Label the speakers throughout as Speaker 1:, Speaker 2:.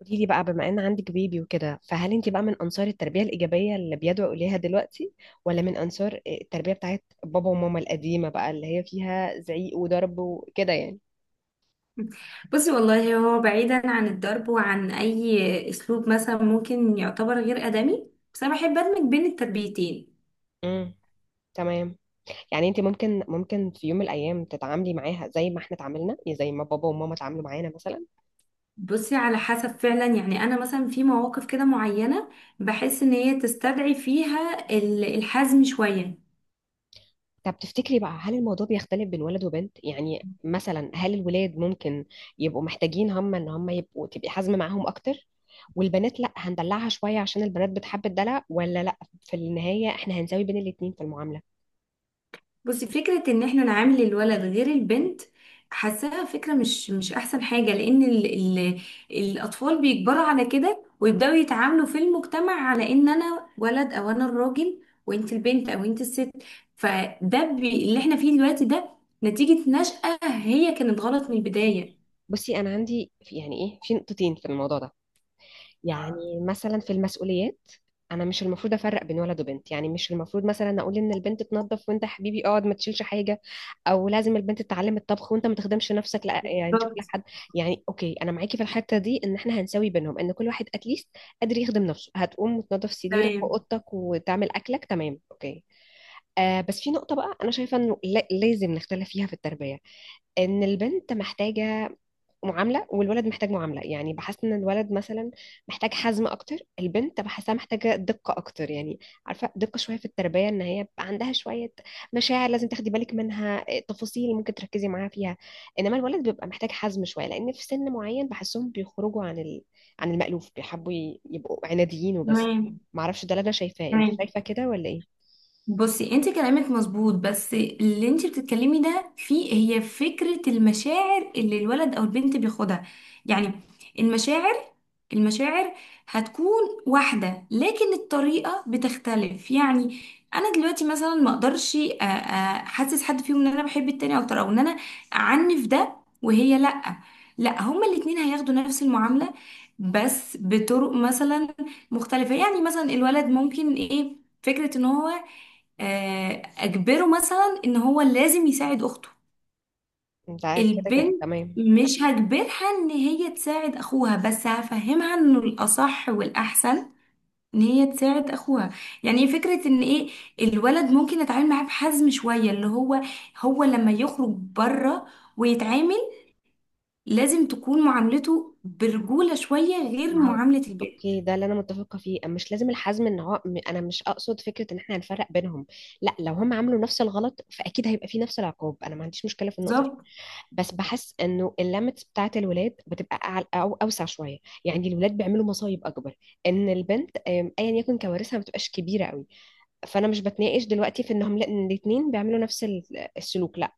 Speaker 1: قولي لي بقى، بما ان عندك بيبي وكده، فهل انت بقى من انصار التربيه الايجابيه اللي بيدعو اليها دلوقتي، ولا من انصار التربيه بتاعت بابا وماما القديمه بقى، اللي هي فيها زعيق وضرب وكده؟ يعني
Speaker 2: بصي، والله هو بعيدا عن الضرب وعن اي اسلوب مثلا ممكن يعتبر غير ادمي. بس انا بحب ادمج بين التربيتين.
Speaker 1: امم تمام. يعني انت ممكن في يوم من الايام تتعاملي معاها زي ما احنا اتعاملنا، يعني زي ما بابا وماما اتعاملوا معانا مثلا؟
Speaker 2: بصي، على حسب فعلا. يعني انا مثلا في مواقف كده معينة بحس ان هي تستدعي فيها الحزم شوية.
Speaker 1: طب تفتكري بقى، هل الموضوع بيختلف بين ولد وبنت؟ يعني مثلا هل الولاد ممكن يبقوا محتاجين هم ان هم يبقوا، تبقي حازمه معاهم اكتر، والبنات لا هندلعها شويه عشان البنات بتحب الدلع؟ ولا لا، في النهايه احنا هنساوي بين الاتنين في المعامله؟
Speaker 2: بصي، فكرة ان احنا نعامل الولد غير البنت حاساها فكرة مش احسن حاجة، لان ال الاطفال بيكبروا على كده ويبدأوا يتعاملوا في المجتمع على ان انا ولد او انا الراجل وانت البنت او انت الست. فده بي اللي احنا فيه دلوقتي ده نتيجة نشأة هي كانت غلط من البداية.
Speaker 1: بصي، انا عندي في يعني ايه، في نقطتين في الموضوع ده. يعني مثلا في المسؤوليات، انا مش المفروض افرق بين ولد وبنت. يعني مش المفروض مثلا اقول ان البنت تنظف، وانت يا حبيبي اقعد ما تشيلش حاجه، او لازم البنت تتعلم الطبخ وانت ما تخدمش نفسك. لا، يعني تشوف لك
Speaker 2: بالظبط.
Speaker 1: حد. يعني اوكي، انا معاكي في الحته دي، ان احنا هنساوي بينهم، ان كل واحد اتليست قادر يخدم نفسه. هتقوم وتنظف سريرك
Speaker 2: تمام
Speaker 1: واوضتك وتعمل اكلك، تمام، اوكي. آه بس في نقطة بقى أنا شايفة إنه لازم نختلف فيها في التربية، إن البنت محتاجة معامله والولد محتاج معامله. يعني بحس ان الولد مثلا محتاج حزم اكتر، البنت بحسها محتاجه دقه اكتر، يعني عارفه، دقه شويه في التربيه، ان هي بقى عندها شويه مشاعر لازم تاخدي بالك منها، تفاصيل ممكن تركزي معاها فيها. انما الولد بيبقى محتاج حزم شويه، لان في سن معين بحسهم بيخرجوا عن عن المألوف، بيحبوا يبقوا عناديين وبس.
Speaker 2: تمام
Speaker 1: معرفش، ده اللي انا شايفاه، انت
Speaker 2: تمام.
Speaker 1: شايفه كده ولا ايه؟
Speaker 2: بصي، انت كلامك مظبوط، بس اللي انت بتتكلمي ده فيه هي فكرة المشاعر اللي الولد او البنت بياخدها. يعني المشاعر، المشاعر هتكون واحدة لكن الطريقة بتختلف. يعني انا دلوقتي مثلا ما اقدرش احسس حد فيهم ان انا بحب التاني اكتر او ان انا اعنف ده وهي لا. لا، هما الاتنين هياخدوا نفس المعاملة بس بطرق مثلا مختلفة. يعني مثلا الولد ممكن ايه، فكرة ان هو اجبره مثلا ان هو لازم يساعد اخته.
Speaker 1: انت كده كده
Speaker 2: البنت
Speaker 1: تمام.
Speaker 2: مش هجبرها ان هي تساعد اخوها، بس هفهمها انه الاصح والاحسن ان هي تساعد اخوها. يعني فكرة ان ايه، الولد ممكن اتعامل معاه بحزم شوية، اللي هو هو لما يخرج بره ويتعامل لازم تكون معاملته برجولة شوية غير
Speaker 1: ما هو
Speaker 2: معاملة البنت.
Speaker 1: اوكي، ده اللي انا متفقه فيه. مش لازم الحزم، ان هو انا مش اقصد فكره ان احنا هنفرق بينهم. لا، لو هم عملوا نفس الغلط فاكيد هيبقى فيه نفس العقاب، انا ما عنديش مشكله في النقطه دي.
Speaker 2: بالظبط.
Speaker 1: بس بحس انه الليميتس بتاعه الولاد بتبقى أعل او اوسع شويه. يعني الولاد بيعملوا مصايب اكبر، ان البنت ايا يكن كوارثها ما بتبقاش كبيره قوي. فانا مش بتناقش دلوقتي في انهم ان الاتنين بيعملوا نفس السلوك، لا.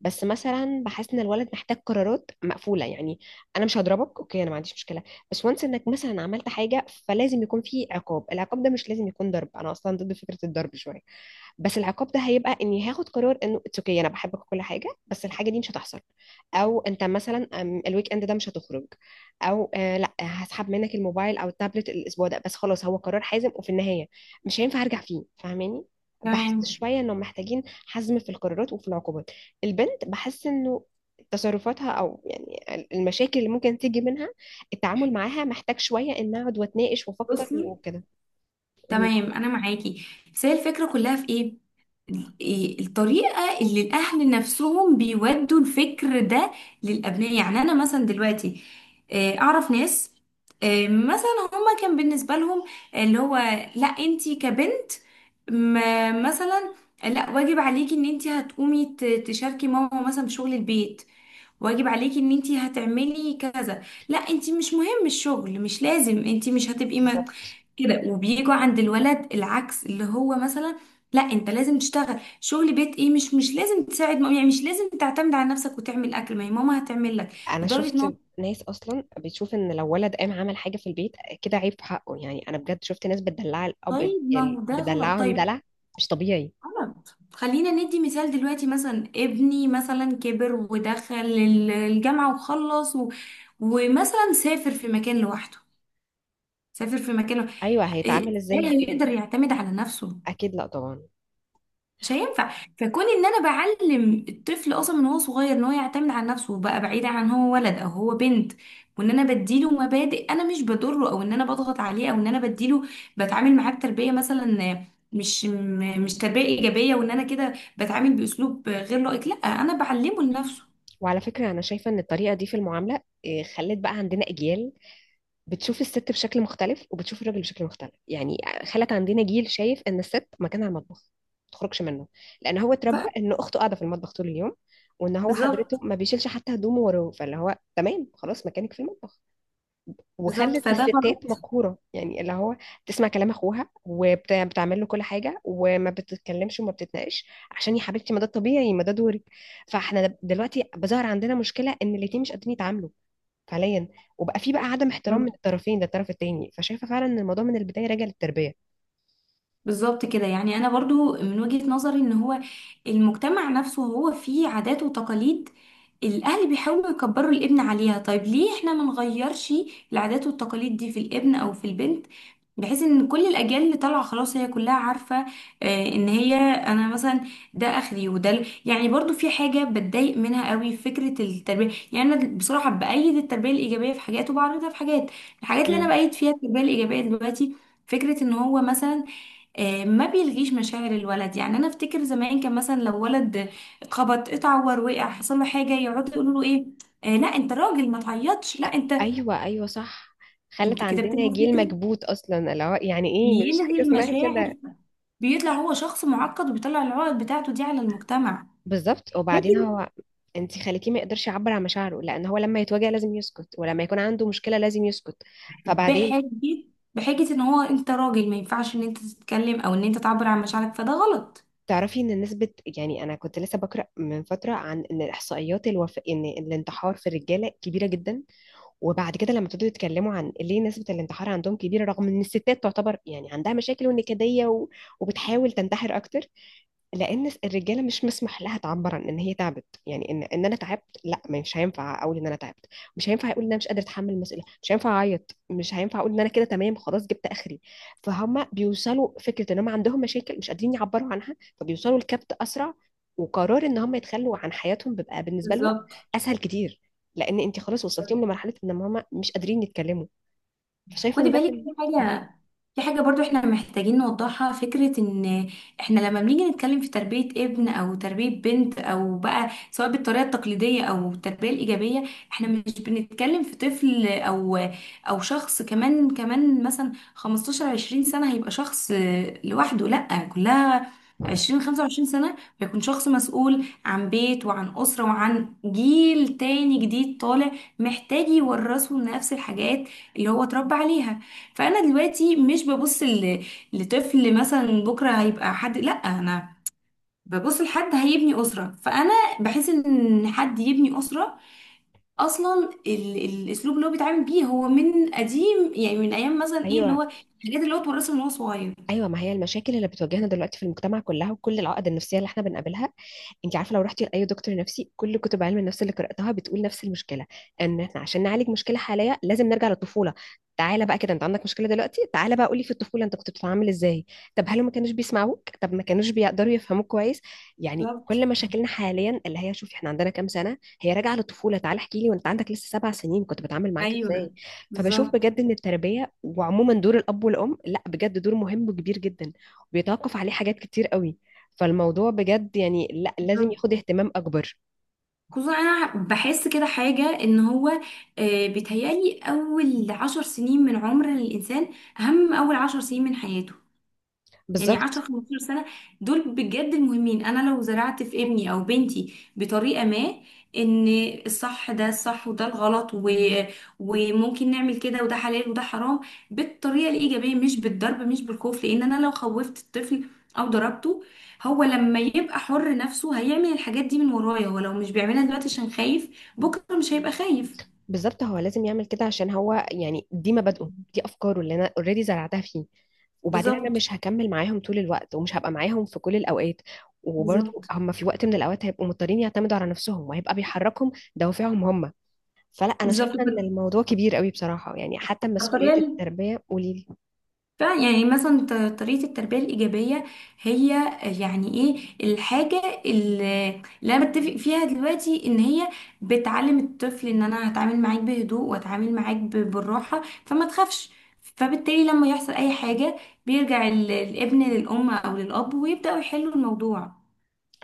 Speaker 1: بس مثلا بحس ان الولد محتاج قرارات مقفوله. يعني انا مش هضربك اوكي، انا ما عنديش مشكله. بس وانس انك مثلا عملت حاجه، فلازم يكون في عقاب. العقاب ده مش لازم يكون ضرب، انا اصلا ضد فكره الضرب شويه. بس العقاب ده هيبقى اني هاخد قرار انه اتس اوكي، انا بحبك وكل حاجه، بس الحاجه دي مش هتحصل. او انت مثلا، الويك اند ده مش هتخرج، او آه لا، هسحب منك الموبايل او التابلت الاسبوع ده بس، خلاص. هو قرار حازم، وفي النهايه مش هينفع ارجع فيه، فاهماني؟ بحس
Speaker 2: تمام.
Speaker 1: شويه انه محتاجين حزم في القرارات وفي العقوبات. البنت بحس انه تصرفاتها، او يعني المشاكل اللي ممكن تيجي منها، التعامل معاها محتاج شويه ان اقعد واتناقش وافكر
Speaker 2: بصي،
Speaker 1: وكده.
Speaker 2: تمام، انا معاكي. بس هي الفكره كلها في ايه؟ إيه الطريقه اللي الاهل نفسهم بيودوا الفكر ده للابناء؟ يعني انا مثلا دلوقتي اعرف ناس، مثلا هما كان بالنسبه لهم اللي هو لا انتي كبنت ما مثلا لا، واجب عليكي ان انتي هتقومي تشاركي ماما مثلا في شغل البيت، واجب عليكي ان انتي هتعملي كذا. لا انتي مش مهم الشغل، مش لازم، انتي مش هتبقي
Speaker 1: بالظبط،
Speaker 2: كده. وبيجوا عند الولد العكس، اللي هو مثلا لا انت لازم تشتغل شغل بيت ايه، مش لازم تساعد ماما. يعني مش لازم تعتمد على نفسك وتعمل اكل، ما هي ماما هتعمل لك،
Speaker 1: انا
Speaker 2: لدرجه ان هو.
Speaker 1: شفت ناس اصلا بتشوف ان لو ولد قام عمل حاجه في البيت كده عيب في حقه. يعني انا بجد شفت ناس بتدلع الاب
Speaker 2: طيب ما هو ده غلط.
Speaker 1: بتدلعهم
Speaker 2: طيب،
Speaker 1: دلع مش طبيعي.
Speaker 2: غلط. خلينا ندي مثال دلوقتي، مثلا ابني مثلا كبر ودخل الجامعه وخلص و... ومثلا سافر في مكان لوحده، سافر في مكان لوحده.
Speaker 1: ايوه،
Speaker 2: ايه،
Speaker 1: هيتعامل ازاي؟
Speaker 2: هيقدر يعتمد على نفسه؟
Speaker 1: اكيد لا طبعا.
Speaker 2: مش هينفع. فكون ان انا بعلم الطفل اصلا من هو صغير ان هو يعتمد على نفسه وبقى بعيد عن هو ولد او هو بنت، وان انا بديله مبادئ انا مش بضره او ان انا بضغط عليه او ان انا بديله، بتعامل معاه بتربيه مثلا مش تربيه ايجابيه، وان انا كده بتعامل باسلوب غير لائق. لا انا بعلمه لنفسه.
Speaker 1: وعلى فكره انا شايفه ان الطريقه دي في المعامله خلت بقى عندنا اجيال بتشوف الست بشكل مختلف وبتشوف الراجل بشكل مختلف. يعني خلت عندنا جيل شايف ان الست مكانها المطبخ، ما تخرجش منه. لان هو
Speaker 2: ف-
Speaker 1: اتربى ان اخته قاعده في المطبخ طول اليوم، وان هو حضرته
Speaker 2: بالظبط.
Speaker 1: ما بيشيلش حتى هدومه وراه، فاللي هو تمام خلاص مكانك في المطبخ.
Speaker 2: بالظبط،
Speaker 1: وخلت
Speaker 2: فده
Speaker 1: الستات
Speaker 2: غلط.
Speaker 1: مقهورة، يعني اللي هو تسمع كلام اخوها وبتعمل له كل حاجة وما بتتكلمش وما بتتناقش، عشان يا حبيبتي، ما ده الطبيعي، ما ده دوري. فاحنا دلوقتي بظهر عندنا مشكلة ان الاتنين مش قادرين يتعاملوا فعليا، وبقى في بقى عدم احترام من الطرفين للطرف التاني. فشايفة فعلا ان الموضوع من البداية راجع للتربية.
Speaker 2: بالظبط كده. يعني انا برضو من وجهة نظري ان هو المجتمع نفسه هو فيه عادات وتقاليد الاهل بيحاولوا يكبروا الابن عليها. طيب ليه احنا ما نغيرش العادات والتقاليد دي في الابن او في البنت، بحيث ان كل الاجيال اللي طالعه خلاص هي كلها عارفه ان هي انا مثلا ده اخري وده يعني. برضو في حاجه بتضايق منها قوي فكره التربيه. يعني انا بصراحه بايد التربيه الايجابيه في حاجات وبعرضها في حاجات. الحاجات اللي انا
Speaker 1: مم.
Speaker 2: بايد فيها التربيه الايجابيه دلوقتي فكره ان هو مثلا ما بيلغيش مشاعر الولد. يعني انا افتكر زمان كان مثلا لو ولد اتخبط اتعور وقع حصل له حاجه يقعدوا يقولوا له ايه، آه لا انت راجل ما تعيطش، لا انت.
Speaker 1: ايوه ايوه، صح. خلت
Speaker 2: انتوا كده
Speaker 1: عندنا
Speaker 2: بتلغوا
Speaker 1: جيل
Speaker 2: فكره،
Speaker 1: مكبوت اصلا، اللي هو يعني ايه، مفيش
Speaker 2: بيلغي
Speaker 1: حاجة اسمها
Speaker 2: المشاعر،
Speaker 1: كده.
Speaker 2: بيطلع هو شخص معقد وبيطلع العقد بتاعته دي على المجتمع.
Speaker 1: بالظبط.
Speaker 2: لكن
Speaker 1: وبعدين هو انت خليتيه ما يقدرش يعبر عن مشاعره، لان هو لما يتوجع لازم يسكت، ولما يكون عنده مشكله لازم يسكت. فبعدين
Speaker 2: بحجه بحجه ان هو انت راجل ما ينفعش ان انت تتكلم او ان انت تعبر عن مشاعرك. فده غلط.
Speaker 1: تعرفي ان نسبه، يعني انا كنت لسه بقرا من فتره عن ان الاحصائيات ان الانتحار في الرجاله كبيره جدا. وبعد كده لما ابتدوا يتكلموا عن ليه نسبه الانتحار عندهم كبيره، رغم ان الستات تعتبر يعني عندها مشاكل ونكديه وبتحاول تنتحر اكتر، لان الرجاله مش مسمح لها تعبر عن ان هي تعبت. يعني ان انا تعبت، لا، مش هينفع اقول ان انا تعبت، مش هينفع اقول ان انا مش قادره اتحمل المسؤوليه، مش هينفع اعيط، مش هينفع اقول ان انا كده تمام خلاص جبت اخري. فهم بيوصلوا فكره ان هم عندهم مشاكل مش قادرين يعبروا عنها، فبيوصلوا لكبت اسرع. وقرار ان هم يتخلوا عن حياتهم بيبقى بالنسبه لهم
Speaker 2: بالظبط.
Speaker 1: اسهل كتير، لان انت خلاص وصلتيهم لمرحله ان هم مش قادرين يتكلموا. فشايفه
Speaker 2: خدي
Speaker 1: ان ده
Speaker 2: بالك في حاجة، في حاجة برضو احنا محتاجين نوضحها. فكرة ان احنا لما بنيجي نتكلم في تربية ابن او تربية بنت او بقى، سواء بالطريقة التقليدية او التربية الايجابية، احنا مش بنتكلم في طفل او شخص كمان مثلا 15 20 سنة هيبقى شخص لوحده، لا كلها 20 25 سنة بيكون شخص مسؤول عن بيت وعن أسرة وعن جيل تاني جديد طالع محتاج يورثه نفس الحاجات اللي هو اتربى عليها. فانا دلوقتي مش ببص لطفل مثلا بكره هيبقى حد. لا انا ببص لحد هيبني اسره. فانا بحس ان حد يبني اسره اصلا الاسلوب اللي هو بيتعامل بيه هو من قديم، يعني من ايام مثلا ايه، اللي
Speaker 1: ايوه
Speaker 2: هو الحاجات اللي هو اتورثها من هو صغير.
Speaker 1: ايوه. ما هي المشاكل اللي بتواجهنا دلوقتي في المجتمع كلها، وكل العقد النفسيه اللي احنا بنقابلها، انت عارفه لو رحتي لاي دكتور نفسي، كل كتب علم النفس اللي قراتها بتقول نفس المشكله، ان احنا عشان نعالج مشكله حاليه لازم نرجع للطفوله. تعالى بقى كده، انت عندك مشكله دلوقتي، تعالى بقى قولي، في الطفوله انت كنت بتتعامل ازاي؟ طب هل ما كانوش بيسمعوك؟ طب ما كانوش بيقدروا يفهموك كويس؟ يعني
Speaker 2: بالظبط.
Speaker 1: كل مشاكلنا حاليا اللي هي، شوفي احنا عندنا كام سنه، هي راجعه للطفوله. تعالى احكي لي، وانت عندك لسه 7 سنين كنت بتعامل معاك
Speaker 2: ايوه.
Speaker 1: ازاي؟ فبشوف
Speaker 2: بالظبط.
Speaker 1: بجد ان التربيه، وعموما دور الاب والام، لا بجد دور مهم وكبير جدا، وبيتوقف عليه حاجات كتير قوي. فالموضوع بجد يعني لا، لازم
Speaker 2: بالظبط.
Speaker 1: ياخد اهتمام اكبر.
Speaker 2: خصوصا انا بحس كده حاجه ان هو بيتهيألي اول عشر سنين من عمر الانسان اهم من اول عشر سنين من حياته. يعني 10
Speaker 1: بالظبط،
Speaker 2: 15 سنة دول بجد المهمين. انا لو زرعت في ابني او بنتي بطريقة ما ان الصح ده الصح وده الغلط و... وممكن نعمل كده وده حلال وده حرام، بالطريقة الإيجابية، مش بالضرب، مش بالخوف، لان انا لو خوفت الطفل او ضربته، هو لما يبقى حر نفسه هيعمل الحاجات دي من ورايا. ولو مش بيعملها دلوقتي عشان خايف، بكرة مش هيبقى خايف.
Speaker 1: بالظبط. هو لازم يعمل كده عشان هو، يعني دي مبادئه، دي افكاره اللي انا اوريدي زرعتها فيه. وبعدين انا
Speaker 2: بالظبط.
Speaker 1: مش هكمل معاهم طول الوقت، ومش هبقى معاهم في كل الاوقات، وبرضه
Speaker 2: بالظبط.
Speaker 1: هم في وقت من الاوقات هيبقوا مضطرين يعتمدوا على نفسهم، وهيبقى بيحركهم دوافعهم هم. فلا، انا
Speaker 2: بالظبط.
Speaker 1: شايفه ان الموضوع كبير قوي بصراحه، يعني حتى مسؤوليه
Speaker 2: الطريقة،
Speaker 1: التربيه، قولي.
Speaker 2: فيعني مثلا طريقة التربية الإيجابية هي يعني إيه؟ الحاجة اللي اللي أنا بتفق فيها دلوقتي إن هي بتعلم الطفل إن أنا هتعامل معاك بهدوء وأتعامل معاك بالراحة فما تخافش. فبالتالي لما يحصل أي حاجة بيرجع الابن للأم أو للأب ويبدأوا يحلوا الموضوع.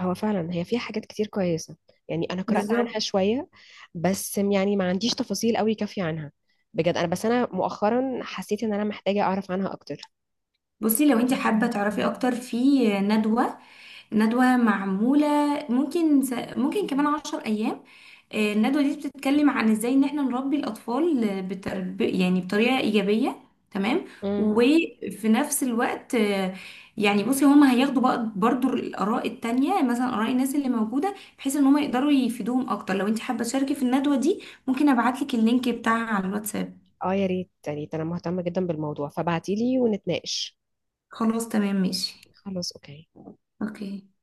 Speaker 1: هو فعلا هي فيها حاجات كتير كويسة. يعني أنا قرأت عنها
Speaker 2: بالظبط.
Speaker 1: شوية، بس يعني ما عنديش تفاصيل قوي كافية عنها. بجد أنا بس أنا مؤخرا حسيت إن أنا محتاجة أعرف عنها أكتر.
Speaker 2: بصي، لو انت حابة تعرفي أكتر في ندوة، ندوة معمولة ممكن ممكن كمان عشر أيام. الندوة دي بتتكلم عن ازاي ان احنا نربي الأطفال يعني بطريقة إيجابية. تمام.
Speaker 1: امم
Speaker 2: وفي نفس الوقت يعني بصي هما هياخدوا بقى برضو الآراء التانية مثلا آراء الناس اللي موجودة بحيث ان هما يقدروا يفيدوهم أكتر. لو انت حابة تشاركي في الندوة دي، ممكن أبعتلك اللينك بتاعها على الواتساب.
Speaker 1: اه، يا ريت يا ريت، أنا مهتمة جدا بالموضوع، فبعتيلي ونتناقش.
Speaker 2: خلاص، تمام، ماشي.
Speaker 1: خلاص أوكي.
Speaker 2: اوكي.